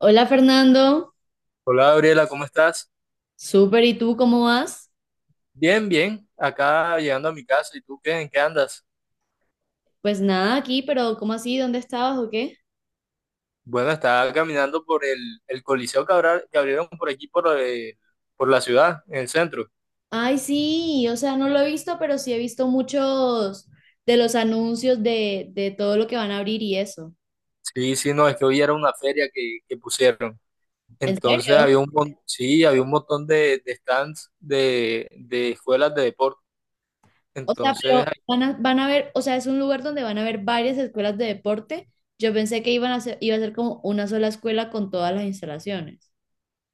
Hola Fernando, Hola Gabriela, ¿cómo estás? súper, ¿y tú cómo vas? Bien, bien, acá llegando a mi casa. ¿Y tú qué? ¿En qué andas? Pues nada, aquí, pero ¿cómo así? ¿Dónde estabas o qué? Bueno, estaba caminando por el Coliseo que abrieron por aquí, por la ciudad, en el centro. Ay, sí, o sea, no lo he visto, pero sí he visto muchos de los anuncios de todo lo que van a abrir y eso. Sí, sí, no, es que hoy era una feria que pusieron. ¿En Entonces serio? Sí, había un montón de stands de escuelas de deporte. O sea, Entonces pero van a ver, o sea, es un lugar donde van a haber varias escuelas de deporte. Yo pensé que iba a ser como una sola escuela con todas las instalaciones.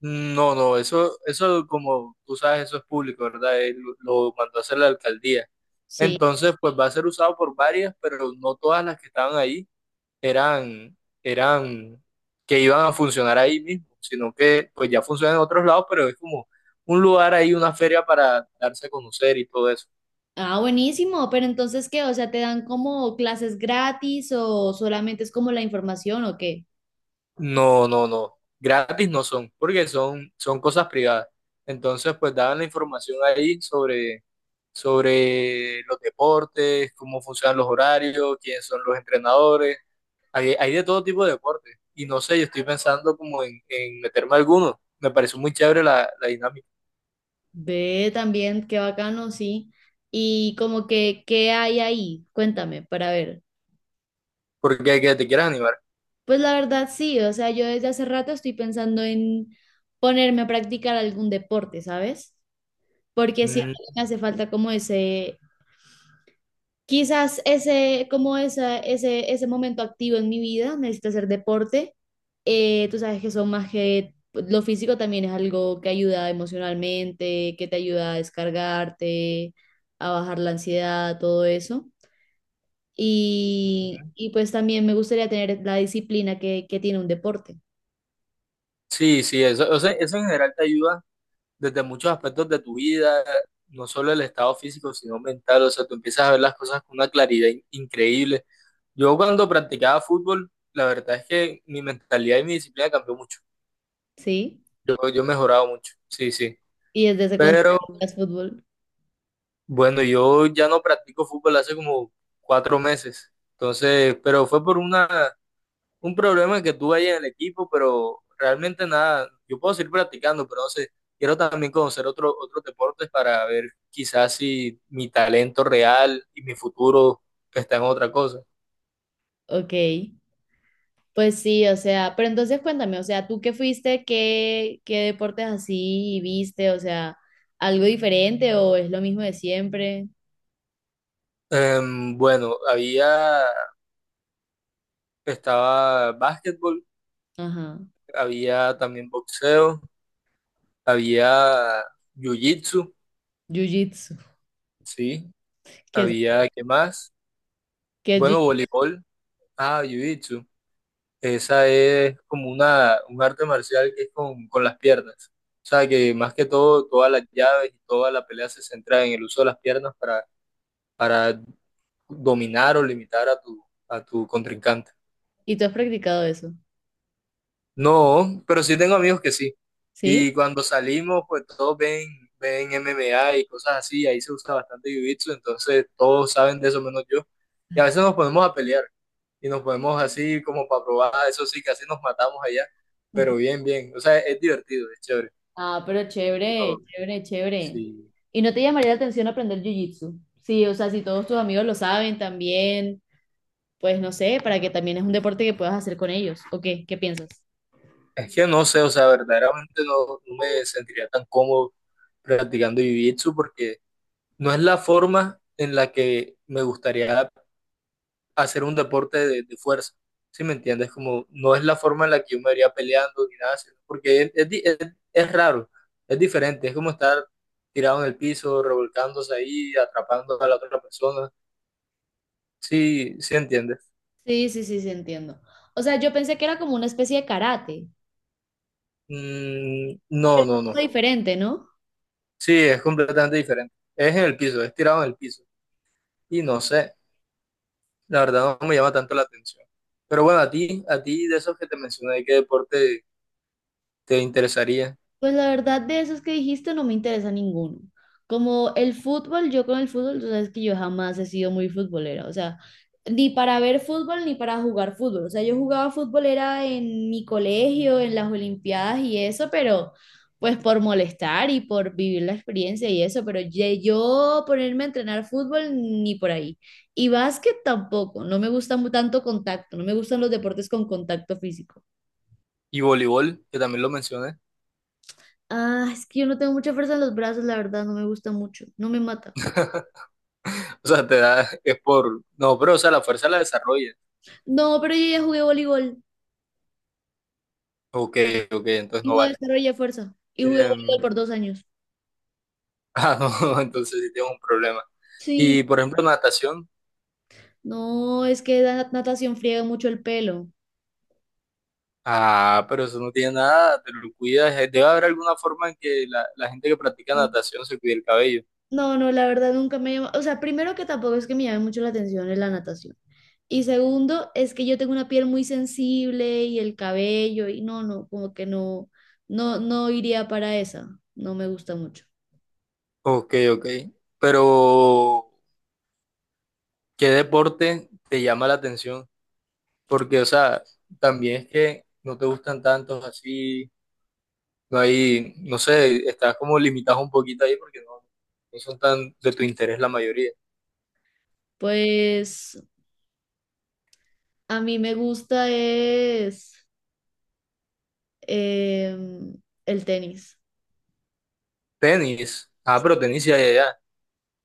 no, no, eso como tú sabes, eso es público, ¿verdad? Él lo mandó a hacer la alcaldía. Sí. Entonces, pues va a ser usado por varias, pero no todas las que estaban ahí eran, eran que iban a funcionar ahí mismo, sino que pues ya funcionan en otros lados, pero es como un lugar ahí, una feria para darse a conocer y todo eso. Ah, buenísimo, pero entonces, ¿qué? O sea, ¿te dan como clases gratis o solamente es como la información o qué? No, no, no. Gratis no son, porque son cosas privadas. Entonces, pues daban la información ahí sobre los deportes, cómo funcionan los horarios, quiénes son los entrenadores. Hay de todo tipo de deportes. Y no sé, yo estoy pensando como en meterme a alguno. Me pareció muy chévere la dinámica, Ve también, qué bacano, sí. Y como que, ¿qué hay ahí? Cuéntame, para ver. porque hay que te quieras animar. Pues la verdad sí, o sea, yo desde hace rato estoy pensando en ponerme a practicar algún deporte, ¿sabes? Porque siento Mm, que me hace falta como ese, quizás ese, ese momento activo en mi vida, necesito hacer deporte. Tú sabes que son más que lo físico, también es algo que ayuda emocionalmente, que te ayuda a descargarte, a bajar la ansiedad, todo eso. Y pues también me gustaría tener la disciplina que tiene un deporte, sí, sí, eso, o sea, eso en general te ayuda desde muchos aspectos de tu vida, no solo el estado físico, sino mental. O sea, tú empiezas a ver las cosas con una claridad increíble. Yo cuando practicaba fútbol, la verdad es que mi mentalidad y mi disciplina cambió mucho. ¿sí? Yo he mejorado mucho. Sí, sí. Y desde ese cuando Pero practicas fútbol, bueno, yo ya no practico fútbol hace como 4 meses. Entonces, pero fue por un problema que tuve ahí en el equipo, pero realmente nada, yo puedo seguir practicando, pero no sé, quiero también conocer otros deportes para ver quizás si mi talento real y mi futuro está en otra cosa. ok. Pues sí, o sea, pero entonces cuéntame, o sea, ¿tú qué fuiste, qué deportes así viste? O sea, ¿algo diferente o es lo mismo de siempre? Bueno, estaba básquetbol, Ajá, había también boxeo, había jiu-jitsu, jiu-jitsu, sí, ¿qué es, había, ¿qué más? ¿qué es Bueno, jiu-jitsu? voleibol, ah, jiu-jitsu, esa es como un arte marcial que es con las piernas. O sea, que más que todo, todas las llaves y toda la pelea se centra en el uso de las piernas para dominar o limitar a a tu contrincante. ¿Y tú has practicado eso? No, pero sí tengo amigos que sí. ¿Sí? Y cuando salimos, pues todos ven MMA y cosas así, ahí se usa bastante jiu-jitsu, entonces todos saben de eso menos yo. Y a veces nos ponemos a pelear. Y nos ponemos así como para probar, eso sí, casi nos matamos allá, pero bien, bien, o sea, es divertido, es chévere. Ah, pero chévere, No, chévere, chévere. sí. ¿Y no te llamaría la atención aprender jiu-jitsu? Sí, o sea, si todos tus amigos lo saben también, pues no sé, para que también es un deporte que puedas hacer con ellos, ¿o qué? ¿Qué piensas? Es que no sé, o sea, verdaderamente no, no me sentiría tan cómodo practicando jiu-jitsu porque no es la forma en la que me gustaría hacer un deporte de fuerza, ¿sí me entiendes? Como no es la forma en la que yo me vería peleando ni nada, sino porque es raro, es diferente, es como estar tirado en el piso, revolcándose ahí, atrapando a la otra persona. Sí, sí entiendes. Sí, sí, sí, sí, entiendo. O sea, yo pensé que era como una especie de karate. Mm, no, no, no. Diferente, ¿no? Sí, es completamente diferente. Es en el piso, es tirado en el piso. Y no sé, la verdad no me llama tanto la atención. Pero bueno, a ti de esos que te mencioné, ¿qué deporte te interesaría? Pues la verdad de esos que dijiste no me interesa ninguno. Como el fútbol, yo con el fútbol, tú sabes que yo jamás he sido muy futbolera, o sea, ni para ver fútbol ni para jugar fútbol. O sea, yo jugaba fútbol era en mi colegio, en las Olimpiadas y eso, pero pues por molestar y por vivir la experiencia y eso, pero yo ponerme a entrenar fútbol ni por ahí. Y básquet tampoco, no me gusta tanto contacto, no me gustan los deportes con contacto físico. Y voleibol, que también lo mencioné. Ah, es que yo no tengo mucha fuerza en los brazos, la verdad, no me gusta mucho, no me mata. O sea, te da, es por. No, pero o sea, la fuerza la desarrolla. No, pero yo ya jugué voleibol Ok, ok, entonces y no no vale. desarrollé fuerza. Y jugué voleibol Em, por 2 años. ah, no, entonces sí tengo un problema. Sí, Y por ejemplo, natación. no, es que la natación friega mucho el pelo. Ah, pero eso no tiene nada, te lo cuidas. Debe haber alguna forma en que la gente que practica No, natación se cuide el cabello. no, la verdad nunca me llama. O sea, primero que tampoco es que me llame mucho la atención es la natación. Y segundo, es que yo tengo una piel muy sensible y el cabello, y no, no, como que no, no iría para esa. No me gusta mucho. Ok, ok. Pero, ¿qué deporte te llama la atención? Porque, o sea, también es que no te gustan tantos así, no hay, no sé, estás como limitado un poquito ahí porque no, no son tan de tu interés la mayoría. Pues a mí me gusta es. em, el tenis, Tenis. Ah, pero tenis ya, ya, ya.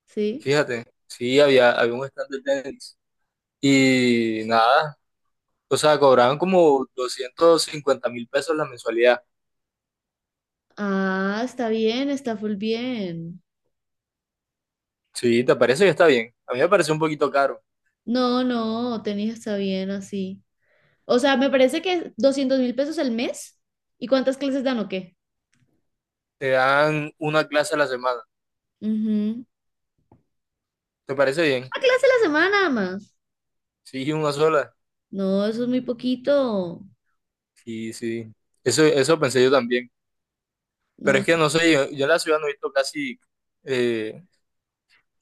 ¿sí? Fíjate, sí, había, había un stand de tenis. Y nada. O sea, cobraban como 250.000 pesos la mensualidad. Ah, está bien, está full bien. Sí, ¿te parece que está bien? A mí me parece un poquito caro. No, no, tenis está bien así. O sea, me parece que $200.000 al mes. ¿Y cuántas clases dan o qué? Te dan una clase a la semana. Ujú. Una ¿Te parece bien? clase a la semana nada más. Sí, una sola. No, eso es muy poquito. Sí, sí. Eso pensé yo también. No, Pero es que no, no sé, yo en la ciudad no he visto casi eh,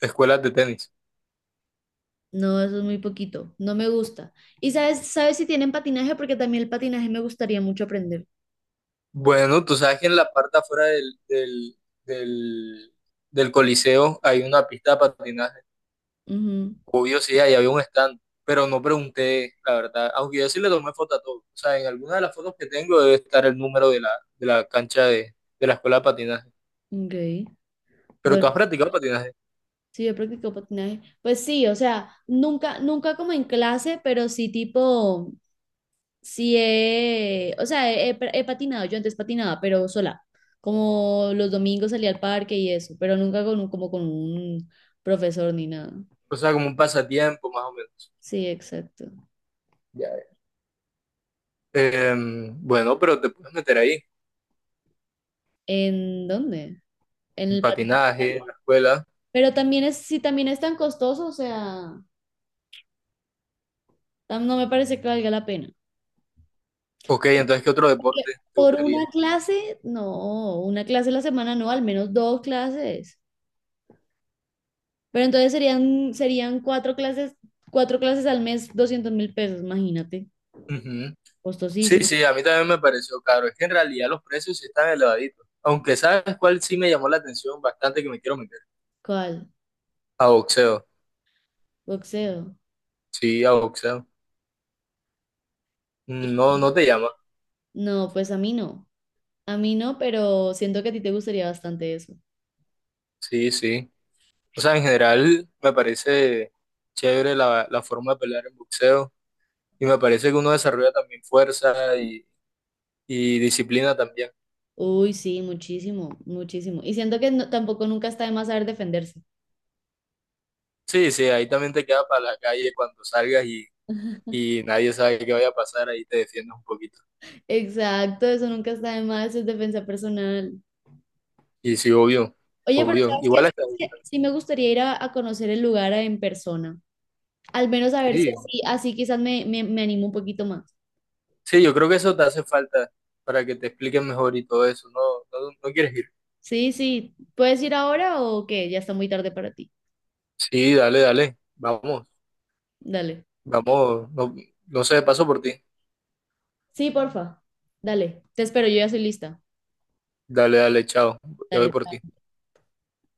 escuelas de tenis. no, eso es muy poquito. No me gusta. Sabes si tienen patinaje? Porque también el patinaje me gustaría mucho aprender. Bueno, tú sabes que en la parte afuera del, del Coliseo hay una pista de patinaje. Ujú. Obvio, sí, ahí había un stand, pero no pregunté, la verdad. Aunque yo sí le tomé foto a todo. O sea, en alguna de las fotos que tengo debe estar el número de la cancha de la escuela de patinaje. Ok. Pero tú Bueno. has practicado patinaje. Sí, yo practico patinaje. Pues sí, o sea, nunca, nunca como en clase, pero sí tipo, sí he, o sea, he, he- he patinado, yo antes patinaba, pero sola, como los domingos salía al parque y eso, pero nunca como con un profesor ni nada. O sea, como un pasatiempo, más o menos. Sí, exacto. Ya, ya. Em, bueno, pero te puedes meter ahí, ¿En dónde? En en el patinaje. patinaje, en la escuela. Pero también es, si también es tan costoso, o sea, no me parece que valga la pena. Ok, entonces, ¿qué otro Porque deporte te por gustaría? una clase, no, una clase a la semana no, al menos 2 clases. Pero entonces serían 4 clases, 4 clases al mes, $200.000, imagínate. Ujú. Sí, Costosísimo. sí, a mí también me pareció caro. Es que en realidad los precios sí están elevaditos. Aunque sabes cuál sí me llamó la atención bastante que me quiero meter. ¿Cuál? A boxeo. Boxeo. Sí, a boxeo. No, no te llama. No, pues a mí no. A mí no, pero siento que a ti te gustaría bastante eso. Sí, sí. O sea, en general me parece chévere la forma de pelear en boxeo y me parece que uno desarrolla también fuerza y disciplina también. Uy, sí, muchísimo, muchísimo. Y siento que tampoco nunca está de más saber defenderse. Sí, sí, ahí también te queda para la calle cuando salgas y nadie sabe qué vaya a pasar, ahí te defiendes un poquito. Exacto, eso nunca está de más, eso es defensa personal. Y sí, obvio, Oye, pero obvio. ¿sabes qué? Igual hasta. ¿Sabes qué? Sí me gustaría ir a conocer el lugar en persona. Al menos a ver si Sí, así, quizás me animo un poquito más. sí, yo creo que eso te hace falta para que te expliquen mejor y todo eso. No, no, no quieres ir. Sí, sí. ¿Puedes ir ahora o qué? Ya está muy tarde para ti. Sí, dale, dale. Vamos, Dale. vamos. No, no sé, paso por ti. Sí, porfa. Dale. Te espero, yo ya soy lista. Dale, dale, chao. Ya voy Dale. por ti.